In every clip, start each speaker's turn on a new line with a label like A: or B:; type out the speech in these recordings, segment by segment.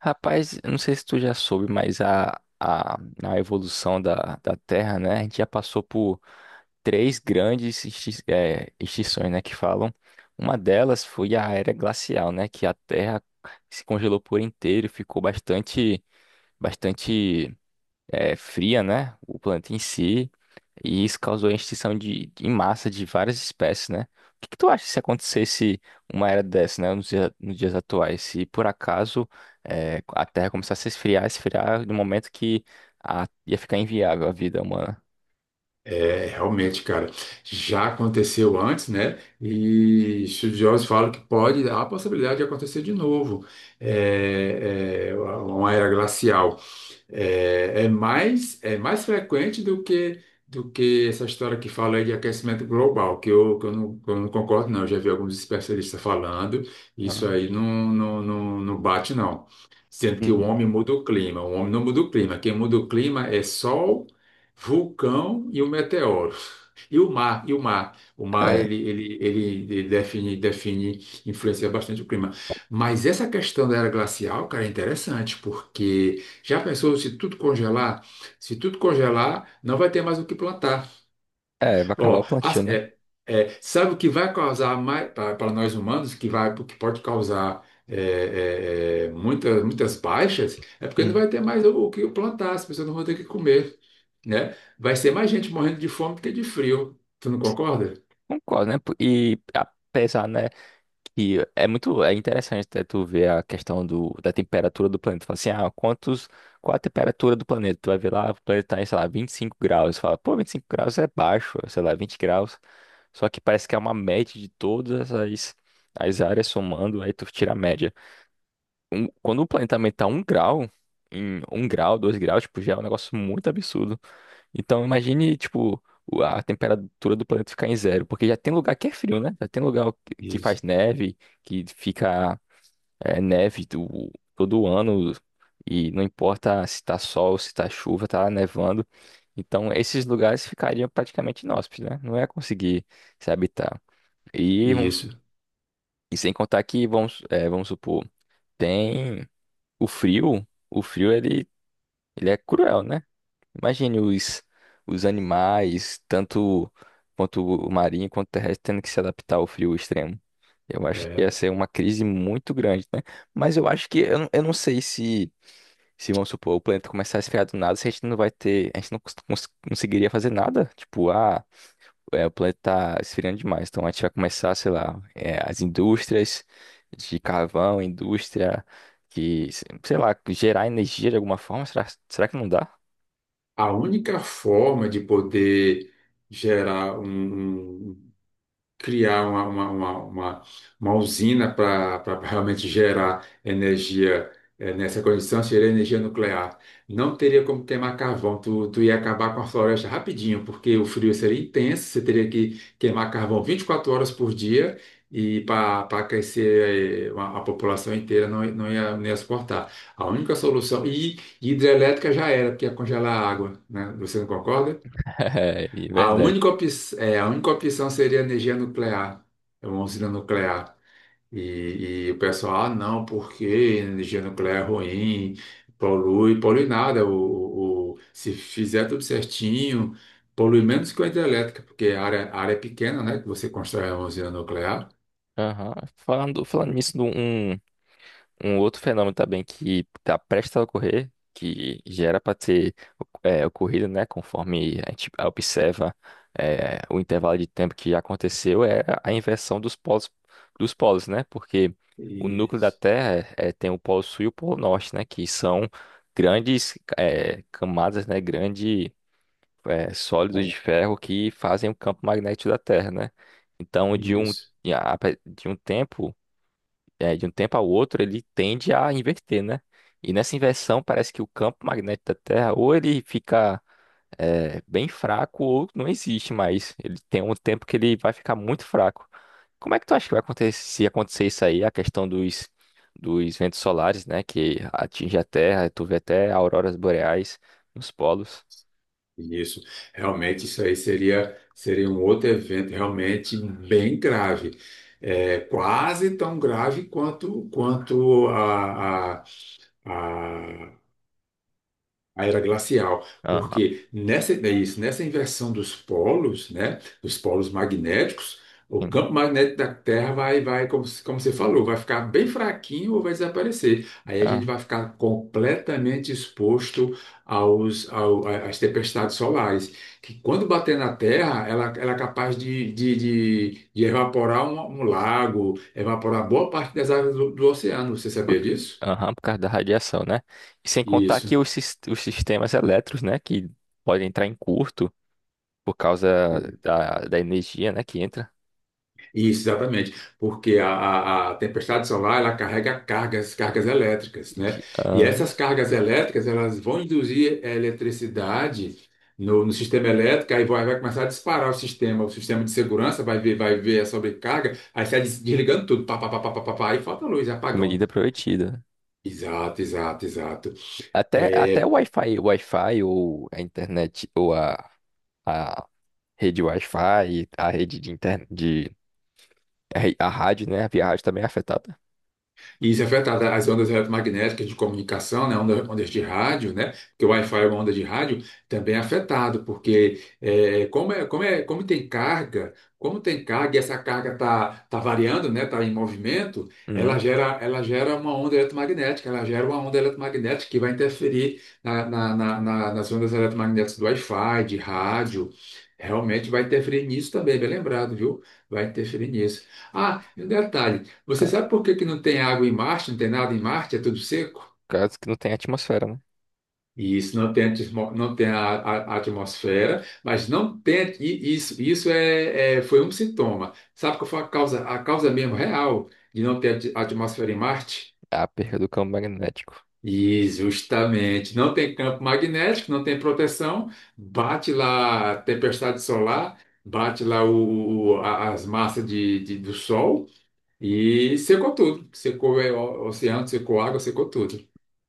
A: Rapaz, eu não sei se tu já soube, mas a, a evolução da Terra, né? A gente já passou por três grandes extinções, né? Que falam. Uma delas foi a era glacial, né? Que a Terra se congelou por inteiro, e ficou bastante fria, né? O planeta em si. E isso causou a extinção em massa de várias espécies, né? O que que tu acha se acontecesse uma era dessa, né? Nos dias atuais? Se por acaso a Terra começasse a esfriar, esfriar no momento que ia ficar inviável a vida humana.
B: É, realmente, cara, já aconteceu antes, né? E estudiosos falam que pode, há a possibilidade de acontecer de novo, uma era glacial. É, é mais frequente do que essa história que fala aí de aquecimento global, que eu não concordo, não. Eu já vi alguns especialistas falando, isso
A: Ah.
B: aí não, não bate, não. Sendo que o
A: Uhum.
B: homem muda o clima, o homem não muda o clima. Quem muda o clima é sol, vulcão e o meteoro. E o mar, e o mar. O mar,
A: É,
B: ele define, define, influencia bastante o clima. Mas essa questão da era glacial, cara, é interessante, porque já pensou se tudo congelar? Se tudo congelar, não vai ter mais o que plantar.
A: é, vai acabar o
B: Ó,
A: plantio,
B: as-
A: né?
B: é- é, sabe o que vai causar mais para nós humanos, que vai, que pode causar muitas, muitas baixas? É porque não
A: Uhum.
B: vai ter mais o que plantar, as pessoas não vão ter o que comer, né? Vai ser mais gente morrendo de fome do que de frio. Tu não concorda?
A: Concordo, né? E apesar, né? E é muito, é interessante até tu ver a questão do, da temperatura do planeta. Tu fala assim, ah, quantos, qual a temperatura do planeta? Tu vai ver lá, o planeta tá em, sei lá, 25 graus. Tu fala, pô, 25 graus é baixo, sei lá, 20 graus. Só que parece que é uma média de todas as, as áreas somando, aí tu tira a média. Quando o planeta aumenta um grau, em um grau, dois graus, tipo, já é um negócio muito absurdo. Então imagine, tipo, a temperatura do planeta ficar em zero, porque já tem lugar que é frio, né? Já tem lugar que
B: Isso.
A: faz neve, que fica neve do, todo ano, e não importa se tá sol, se tá chuva, tá nevando. Então esses lugares ficariam praticamente inóspitos, né? Não ia conseguir se habitar. E, vamos,
B: Isso.
A: e sem contar que, vamos, é, vamos supor, tem o frio ele, ele é cruel, né? Imagine os animais, tanto quanto o marinho quanto o terrestre, tendo que se adaptar ao frio extremo. Eu acho que
B: É.
A: essa é uma crise muito grande, né? Mas eu acho que eu não sei se, se, vamos supor, o planeta começar a esfriar do nada, se a gente não vai ter, a gente não conseguiria fazer nada. Tipo, ah, é, o planeta tá esfriando demais, então a gente vai começar, sei lá, é, as indústrias de carvão, indústria que, sei lá, gerar energia de alguma forma. Será, será que não dá?
B: A única forma de poder gerar um, um, criar uma usina para realmente gerar energia nessa condição, seria energia nuclear. Não teria como queimar carvão, tu ia acabar com a floresta rapidinho, porque o frio seria intenso, você teria que queimar carvão 24 horas por dia. E para aquecer a população inteira não ia suportar. A única solução. E hidrelétrica já era, porque ia congelar a água, né? Você não concorda?
A: É, é
B: A
A: verdade.
B: única, op- a única opção seria energia nuclear, é uma usina nuclear. E o pessoal, ah, não, porque energia nuclear é ruim, polui, polui nada. Se fizer tudo certinho, polui menos que a hidrelétrica, porque a área é pequena, né? Que você constrói uma usina nuclear.
A: Aham. Falando, falando nisso, de um, um outro fenômeno também que está prestes a ocorrer, que já era para ter ocorrido, né, conforme a gente observa o intervalo de tempo que já aconteceu, é a inversão dos polos, né? Porque o núcleo da
B: Isso.
A: Terra é, tem o polo sul e o polo norte, né? Que são grandes camadas, né? Grandes sólidos de ferro que fazem o campo magnético da Terra, né? Então, de um,
B: Isso.
A: de a- de um tempo de um tempo ao outro, ele tende a inverter, né? E nessa inversão, parece que o campo magnético da Terra, ou ele fica bem fraco, ou não existe mais. Ele tem um tempo que ele vai ficar muito fraco. Como é que tu acha que vai acontecer se acontecer isso aí, a questão dos, dos ventos solares, né? Que atinge a Terra, tu vê até auroras boreais nos polos.
B: Isso, realmente isso aí seria um outro evento realmente bem grave, é, quase tão grave quanto a, a era glacial,
A: Aham.
B: porque nessa, é isso, nessa inversão dos polos, né, dos polos magnéticos, o
A: Sim.
B: campo magnético da Terra vai, vai como, se- como você falou, vai ficar bem fraquinho ou vai desaparecer. Aí a gente
A: Aham.
B: vai ficar completamente exposto às tempestades solares, que quando bater na Terra, ela é capaz de evaporar um lago, evaporar boa parte das águas do oceano. Você
A: Por
B: sabia disso?
A: aham, por causa da radiação, né? E sem contar
B: Isso.
A: que os, os sistemas elétricos, né? Que podem entrar em curto por causa da, da energia, né, que entra
B: Isso, exatamente, porque a tempestade solar ela carrega cargas, cargas elétricas,
A: e
B: né?
A: de-
B: E
A: ah,
B: essas cargas elétricas elas vão induzir a eletricidade no sistema elétrico, aí vai começar a disparar o sistema de segurança vai ver a sobrecarga, aí sai desligando tudo, pá, pá, pá, pá, pá, pá, pá, aí falta luz, é
A: com
B: apagão.
A: medida prometida.
B: Exato, exato, exato.
A: Até, até
B: É,
A: O Wi-Fi ou a internet, ou a rede Wi-Fi, a rede de internet, de, a, a rádio, né, a via rádio também é afetada.
B: E isso afeta as ondas eletromagnéticas de comunicação, né? Ondas de rádio, né? Porque o Wi-Fi é uma onda de rádio, também é afetado, porque como tem carga e essa carga está variando, né? Está em movimento,
A: Uhum.
B: ela gera uma onda eletromagnética, ela gera uma onda eletromagnética que vai interferir nas ondas eletromagnéticas do Wi-Fi, de rádio. Realmente vai interferir nisso também, bem lembrado, viu? Vai interferir nisso. Ah, e um detalhe. Você
A: Ca-
B: sabe por que que não tem água em Marte, não tem nada em Marte, é tudo seco?
A: Caso que não tenha atmosfera, né?
B: Isso, não tem, não tem a atmosfera, mas não tem, e isso, foi um sintoma. Sabe qual foi a causa mesmo real de não ter atmosfera em Marte?
A: A perda do campo magnético.
B: E justamente, não tem campo magnético, não tem proteção, bate lá a tempestade solar, bate lá as massas do Sol e secou tudo. Secou é, o oceano, secou água, secou tudo.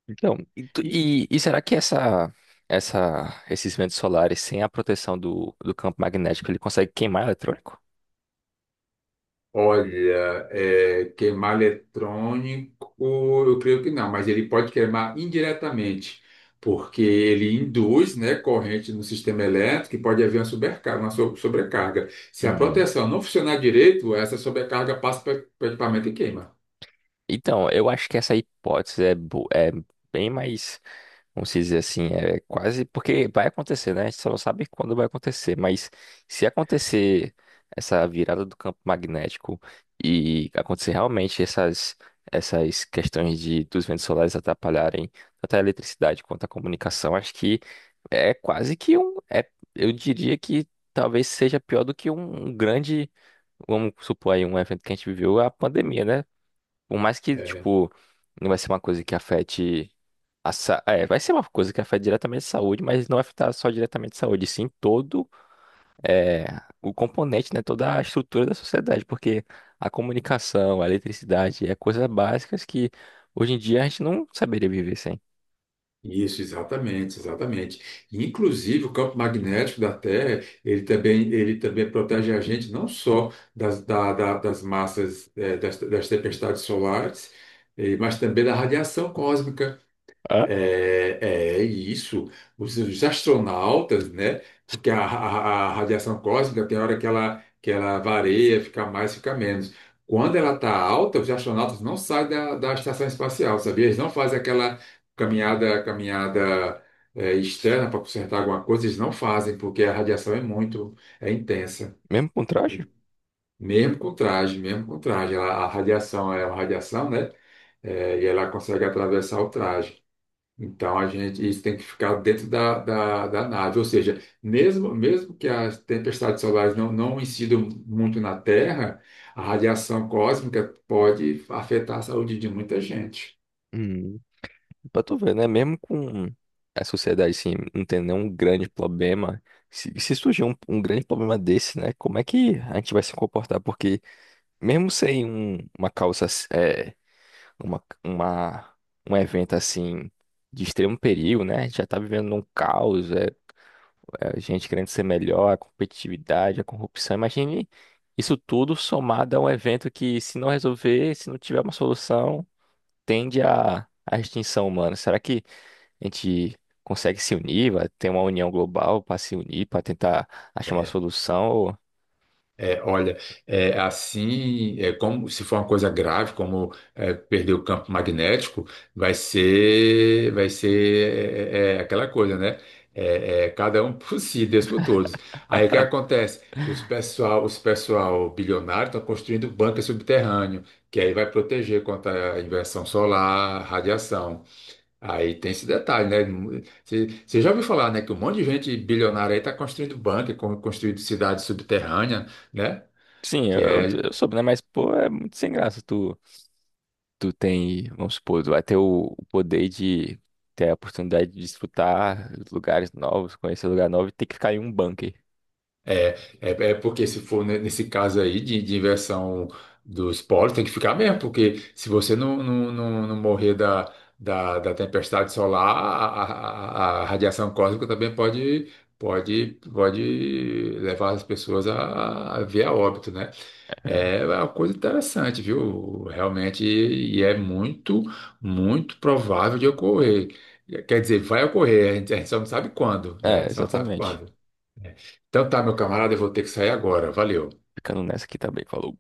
A: Então, e, e será que essa, esses ventos solares, sem a proteção do, do campo magnético, ele consegue queimar eletrônico?
B: Olha, é, queimar eletrônico, eu creio que não, mas ele pode queimar indiretamente, porque ele induz, né, corrente no sistema elétrico e pode haver uma sobrecarga, sobrecarga. Se a proteção não funcionar direito, essa sobrecarga passa para o equipamento e queima.
A: Então, eu acho que essa hipótese é, é bem mais, vamos dizer assim, é quase porque vai acontecer, né? A gente só não sabe quando vai acontecer, mas se acontecer essa virada do campo magnético e acontecer realmente essas essas questões de dos ventos solares atrapalharem tanto a eletricidade quanto a comunicação, acho que é quase que um, é, eu diria que talvez seja pior do que um um grande. Vamos supor aí um evento que a gente viveu, a pandemia, né? Por mais que,
B: É,
A: tipo, não vai ser uma coisa que afete a sa... é, vai ser uma coisa que afete diretamente a saúde, mas não vai afetar só diretamente a saúde, sim todo é, o componente, né, toda a estrutura da sociedade, porque a comunicação, a eletricidade, é coisas básicas que hoje em dia a gente não saberia viver sem.
B: Isso, exatamente, exatamente. Inclusive, o campo magnético da Terra, ele também protege a gente não só das massas, das tempestades solares, mas também da radiação cósmica.
A: Ah,
B: É, é isso, os astronautas, né? Porque a radiação cósmica tem hora que ela varia, fica mais, fica menos. Quando ela está alta, os astronautas não saem da estação espacial, sabia? Eles não fazem aquela caminhada é, externa para consertar alguma coisa, eles não fazem, porque a radiação é muito, é intensa.
A: mesmo com traje?
B: E mesmo com traje, a radiação é uma radiação, né? É, e ela consegue atravessar o traje. Então a gente isso tem que ficar dentro da nave, ou seja, mesmo que as tempestades solares não incidam muito na Terra, a radiação cósmica pode afetar a saúde de muita gente.
A: Hum, pra tu ver, né, mesmo com a sociedade, assim, não tendo nenhum grande problema, se surgir um, um grande problema desse, né, como é que a gente vai se comportar? Porque mesmo sem um, uma causa, é, uma, um evento assim de extremo perigo, né? A gente já tá vivendo num caos, é, é gente querendo ser melhor, a competitividade, a corrupção. Imagine isso tudo somado a um evento que, se não resolver, se não tiver uma solução, tende à, à extinção humana. Será que a gente consegue se unir, vai ter uma união global para se unir, para tentar achar uma solução? Ou-
B: É, olha, é, assim, é, como se for uma coisa grave, como é, perder o campo magnético, vai ser é aquela coisa, né? É, é, cada um por si, Deus por todos. Aí o que acontece? Os pessoal bilionário estão construindo bunker subterrâneo, que aí vai proteger contra a inversão solar, radiação. Aí tem esse detalhe, né? Você já ouviu falar, né, que um monte de gente bilionária aí está construindo bunker, construindo cidade subterrânea, né?
A: Sim,
B: Que é,
A: eu soube, né? Mas, pô, é muito sem graça tu. Tu tem, vamos supor, tu vai ter o poder de ter a oportunidade de desfrutar lugares novos, conhecer lugar novo e ter que ficar em um bunker.
B: é, é, É porque se for nesse caso aí de inversão dos polos, tem que ficar mesmo, porque se você não morrer da tempestade solar, a radiação cósmica também pode, pode levar as pessoas a ver a óbito, né?
A: É,
B: É uma coisa interessante, viu? Realmente, e é muito, muito provável de ocorrer. Quer dizer, vai ocorrer, a gente só não sabe quando, né?
A: é,
B: Só não sabe
A: exatamente.
B: quando. Então tá, meu camarada, eu vou ter que sair agora. Valeu.
A: Ficando nessa aqui também, falou.